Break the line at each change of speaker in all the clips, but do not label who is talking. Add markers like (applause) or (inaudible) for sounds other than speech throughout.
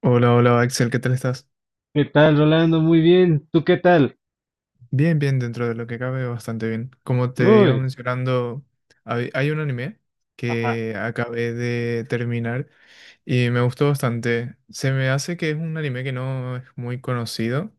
Hola, hola Axel, ¿qué tal estás?
¿Qué tal, Rolando? Muy bien. ¿Tú qué tal?
Bien, bien, dentro de lo que cabe, bastante bien. Como te iba
Uy,
mencionando, hay un anime
ajá.
que acabé de terminar y me gustó bastante. Se me hace que es un anime que no es muy conocido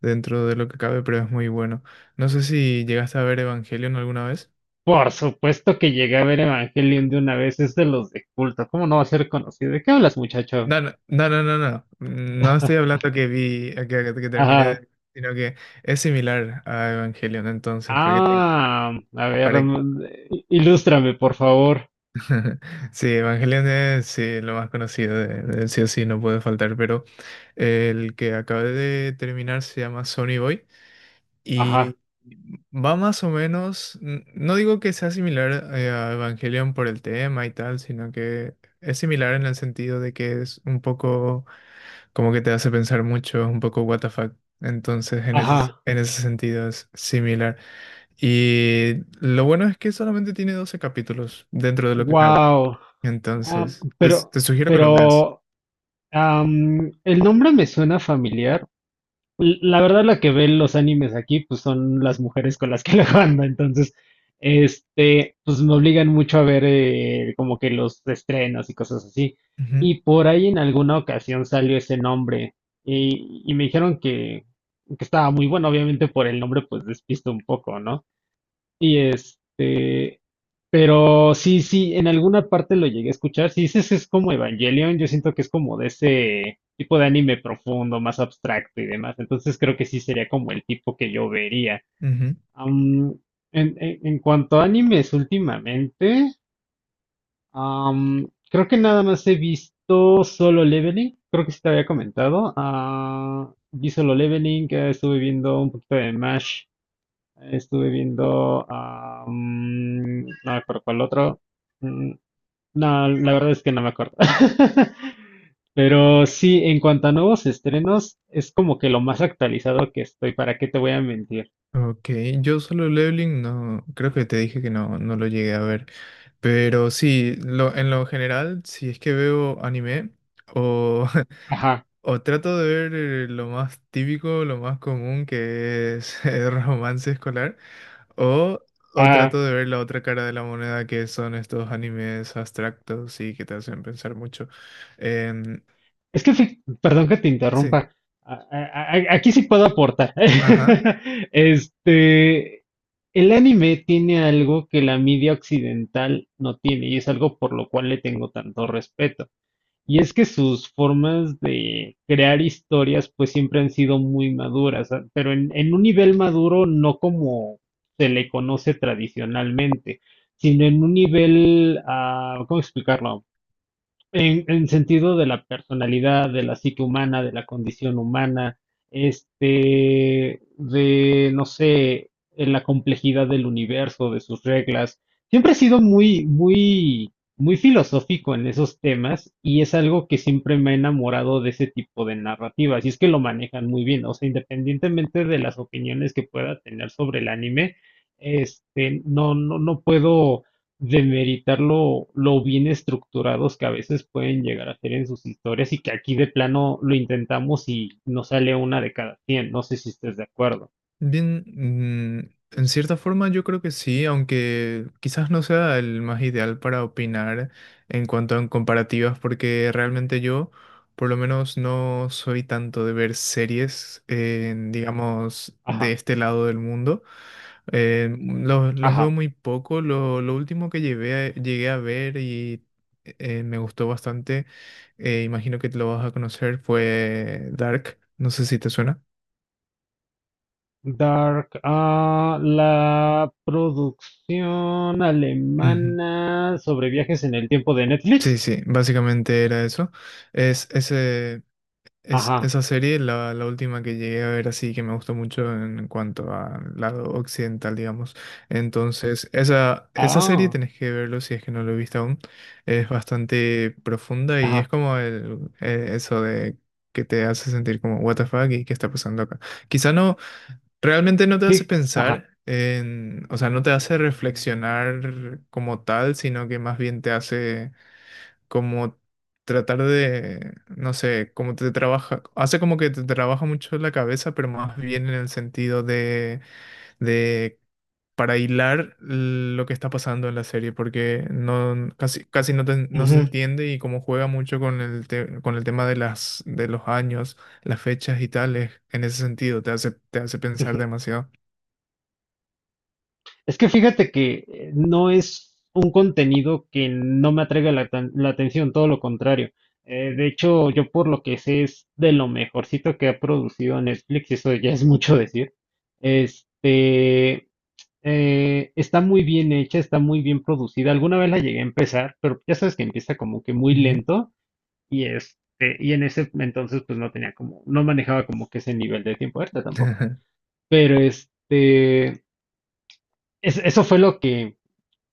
dentro de lo que cabe, pero es muy bueno. No sé si llegaste a ver Evangelion alguna vez.
Por supuesto que llegué a ver Evangelion de una vez, es de los de culto. ¿Cómo no va a ser conocido? ¿De qué hablas, muchacho?
No, no, no, no, no, no. No estoy
(laughs)
hablando que vi, que terminé,
Ajá.
sino que es similar a Evangelion, entonces, para que te...
Ah, a ver,
para,
ilústrame, por favor.
(laughs) Sí, Evangelion es sí, lo más conocido de sí o sí, no puede faltar, pero el que acabé de terminar se llama Sony Boy
Ajá,
y va más o menos, no digo que sea similar a Evangelion por el tema y tal, sino que es similar en el sentido de que es un poco como que te hace pensar mucho, es un poco what the fuck. Entonces,
ajá.
en ese sentido es similar. Y lo bueno es que solamente tiene 12 capítulos dentro de lo que cabe.
Wow. Ah,
Entonces,
pero,
te sugiero que lo veas.
pero, el nombre me suena familiar. La verdad, la que ve los animes aquí, pues son las mujeres con las que (laughs) la ando, entonces, este, pues me obligan mucho a ver como que los estrenos y cosas así.
Ujú,
Y por ahí en alguna ocasión salió ese nombre y me dijeron que estaba muy bueno, obviamente por el nombre pues despisto un poco, ¿no? Y este, pero sí, sí, en alguna parte lo llegué a escuchar. Si dices es como Evangelion, yo siento que es como de ese tipo de anime profundo, más abstracto y demás. Entonces creo que sí sería como el tipo que yo vería.
ujú.
Am, en cuanto a animes últimamente, creo que nada más he visto Solo Leveling. Creo que sí te había comentado. Ah, vi Solo Leveling, estuve viendo un poquito de Mash, estuve viendo, no me acuerdo cuál otro. Mm, no, la verdad es que no me acuerdo. (laughs) Pero sí, en cuanto a nuevos estrenos, es como que lo más actualizado que estoy, ¿para qué te voy a mentir?
Ok, yo solo Leveling no, creo que te dije que no, no lo llegué a ver, pero sí, en lo general, si es que veo anime o, (laughs)
Ajá.
o trato de ver lo más típico, lo más común que es (laughs) el romance escolar, o, o
Ah,
trato de ver la otra cara de la moneda que son estos animes abstractos y que te hacen pensar mucho. Em,
es que, perdón que te
sí,
interrumpa. Ah, ah, ah, aquí sí puedo aportar.
ajá.
(laughs) Este, el anime tiene algo que la media occidental no tiene y es algo por lo cual le tengo tanto respeto. Y es que sus formas de crear historias pues siempre han sido muy maduras, ah, pero en un nivel maduro no como se le conoce tradicionalmente, sino en un nivel, ah, ¿cómo explicarlo? En sentido de la personalidad, de la psique humana, de la condición humana, este, de, no sé, en la complejidad del universo, de sus reglas. Siempre he sido muy, muy, muy filosófico en esos temas y es algo que siempre me ha enamorado de ese tipo de narrativas. Y es que lo manejan muy bien, o sea, independientemente de las opiniones que pueda tener sobre el anime, este, no, no, no puedo demeritar lo bien estructurados que a veces pueden llegar a ser en sus historias y que aquí de plano lo intentamos y no sale una de cada cien. No sé si estés de acuerdo.
Bien, mm, en cierta forma yo creo que sí, aunque quizás no sea el más ideal para opinar en cuanto a en comparativas, porque realmente yo, por lo menos, no soy tanto de ver series, en, digamos, de
Ajá,
este lado del mundo. Los veo
ajá.
muy poco. Lo último que llegué a ver y me gustó bastante, imagino que te lo vas a conocer, fue Dark. No sé si te suena.
Dark, ah, la producción
Ujú.
alemana sobre viajes en el tiempo de
Sí,
Netflix.
sí, básicamente era eso. Es, ese, es
Ajá,
esa serie, la última que llegué a ver así, que me gustó mucho en cuanto al lado occidental, digamos. Entonces, esa serie
ah,
tenés que verlo si es que no lo he visto aún. Es bastante profunda y es
ajá,
como eso de que te hace sentir como, what the fuck, y qué está pasando acá. Quizá no, realmente no te hace
sí, ajá.
pensar. En, o sea, no te hace reflexionar como tal, sino que más bien te hace como tratar de, no sé, como te trabaja, hace como que te trabaja mucho la cabeza, pero más bien en el sentido de para hilar lo que está pasando en la serie, porque no, casi no, no se entiende y como juega mucho con con el tema de de los años, las fechas y tales, en ese sentido te hace pensar
Ujú.
demasiado.
Es que fíjate que no es un contenido que no me atraiga la atención, todo lo contrario. De hecho, yo por lo que sé es de lo mejorcito que ha producido Netflix, y eso ya es mucho decir. Este, está muy bien hecha, está muy bien producida. Alguna vez la llegué a empezar, pero ya sabes que empieza como que muy
Ujú.
lento y este, y en ese entonces pues no tenía como, no manejaba como que ese nivel de tiempo ahorita tampoco.
(laughs)
Pero este, eso fue lo que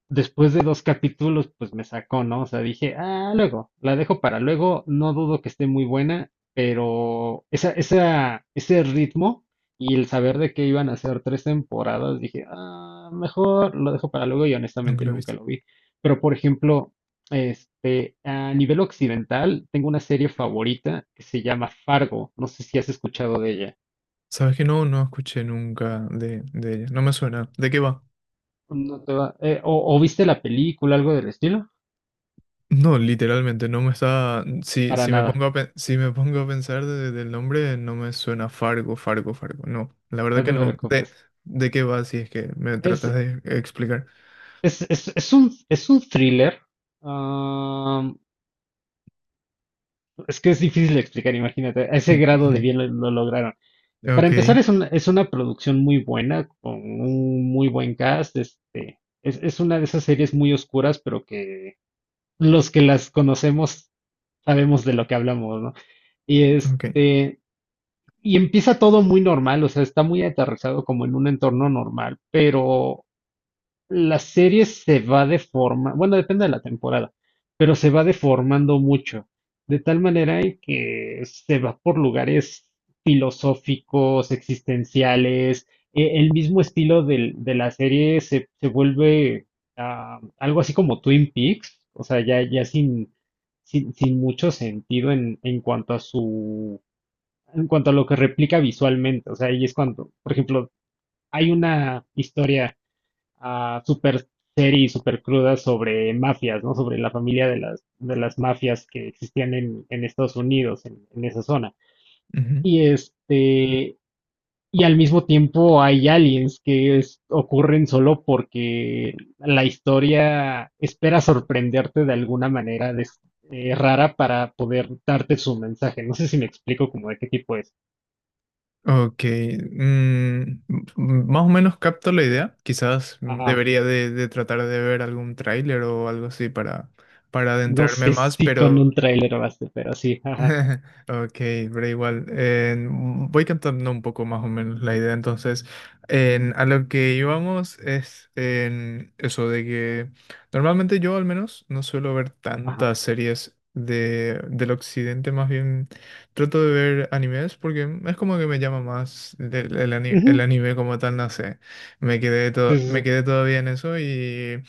después de dos capítulos, pues me sacó, ¿no? O sea, dije, ah, luego, la dejo para luego, no dudo que esté muy buena, pero ese ritmo y el saber de que iban a ser tres temporadas, dije, ah, mejor lo dejo para luego y
Nunca
honestamente
lo he
nunca
visto.
lo vi. Pero, por ejemplo, este, a nivel occidental, tengo una serie favorita que se llama Fargo, no sé si has escuchado de ella.
Sabes que no, no escuché nunca de ella. No me suena. ¿De qué va?
No te o viste la película, algo del estilo.
No, literalmente, no me está. Si,
Para
si me
nada,
pongo a, si me pongo a pensar del nombre, no me suena Fargo, Fargo, Fargo. No, la verdad
no
que
te
no.
preocupes.
De qué va si es que me
Es,
tratas de explicar?
es un thriller. Ah, es que es difícil de explicar, imagínate. A ese grado de
(laughs)
bien lo lograron. Para
Ok,
empezar, es una producción muy buena, con un muy buen cast. Este, es una de esas series muy oscuras, pero que los que las conocemos sabemos de lo que hablamos, ¿no? Y
ok.
este, y empieza todo muy normal, o sea, está muy aterrizado como en un entorno normal, pero la serie se va deformando, bueno, depende de la temporada, pero se va deformando mucho, de tal manera en que se va por lugares filosóficos, existenciales, el mismo estilo de la serie se vuelve ah, algo así como Twin Peaks, o sea, ya, ya sin, mucho sentido en cuanto a lo que replica visualmente, o sea, ahí es cuando, por ejemplo, hay una historia a super serie super cruda sobre mafias, ¿no? Sobre la familia de las mafias que existían en Estados Unidos, esa zona.
Ujú.
Y este, y al mismo tiempo hay aliens que es, ocurren solo porque la historia espera sorprenderte de alguna manera de, rara para poder darte su mensaje. No sé si me explico como de qué tipo es.
Ok. M- más o menos capto la idea. Quizás
Ajá.
debería de tratar de ver algún tráiler o algo así para
No
adentrarme
sé
más,
si con
pero.
un tráiler baste, pero sí, ajá,
(laughs) Ok, pero igual, voy cantando un poco más o menos la idea. Entonces, a lo que íbamos es en eso de que normalmente yo al menos no suelo ver
ajá.
tantas series de, del occidente, más bien trato de ver animes porque es como que me llama más
Uh
el
-huh.
anime como tal, no sé.
Sí, sí,
Me
sí.
quedé todavía en eso y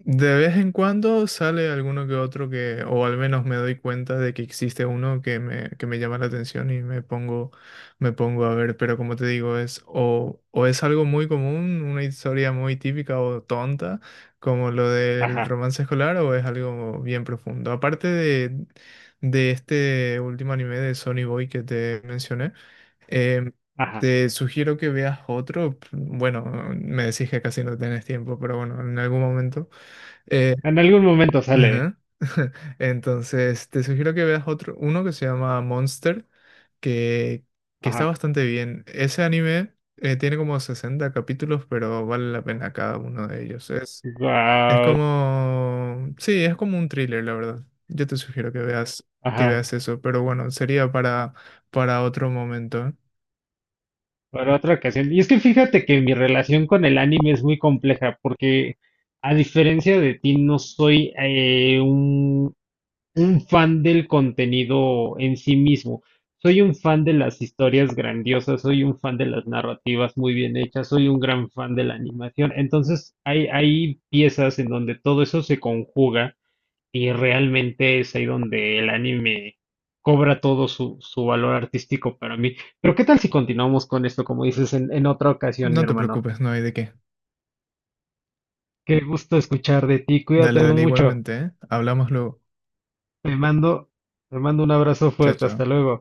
de vez en cuando sale alguno que otro que, o al menos me doy cuenta de que existe uno que me llama la atención y me pongo a ver, pero como te digo, es o es algo muy común, una historia muy típica o tonta, como lo del
Ajá,
romance escolar, o es algo bien profundo. Aparte de este último anime de Sonny Boy que te mencioné, em,
ajá.
te sugiero que veas otro. Bueno, me decís que casi no tenés tiempo, pero bueno, en algún momento. Eh,
En algún momento sale.
ajá. (laughs) Entonces, te sugiero que veas otro, uno que se llama Monster, que, que está
Ajá.
bastante bien. Ese anime tiene como 60 capítulos, pero vale la pena cada uno de ellos. Es
Wow.
como, sí, es como un thriller, la verdad. Yo te sugiero que
Ajá.
veas eso, pero bueno, sería para otro momento.
Para otra ocasión. Y es que fíjate que mi relación con el anime es muy compleja porque a diferencia de ti no soy un fan del contenido en sí mismo. Soy un fan de las historias grandiosas, soy un fan de las narrativas muy bien hechas, soy un gran fan de la animación. Entonces hay piezas en donde todo eso se conjuga. Y realmente es ahí donde el anime cobra todo su valor artístico para mí. Pero ¿qué tal si continuamos con esto, como dices, en otra ocasión, mi
No te
hermano?
preocupes, no hay de qué.
Qué gusto escuchar de ti.
Dale,
Cuídate
dale,
mucho.
igualmente, ¿eh? Hablamos luego.
Te mando, te mando un abrazo
Chao,
fuerte. Hasta
chao.
luego.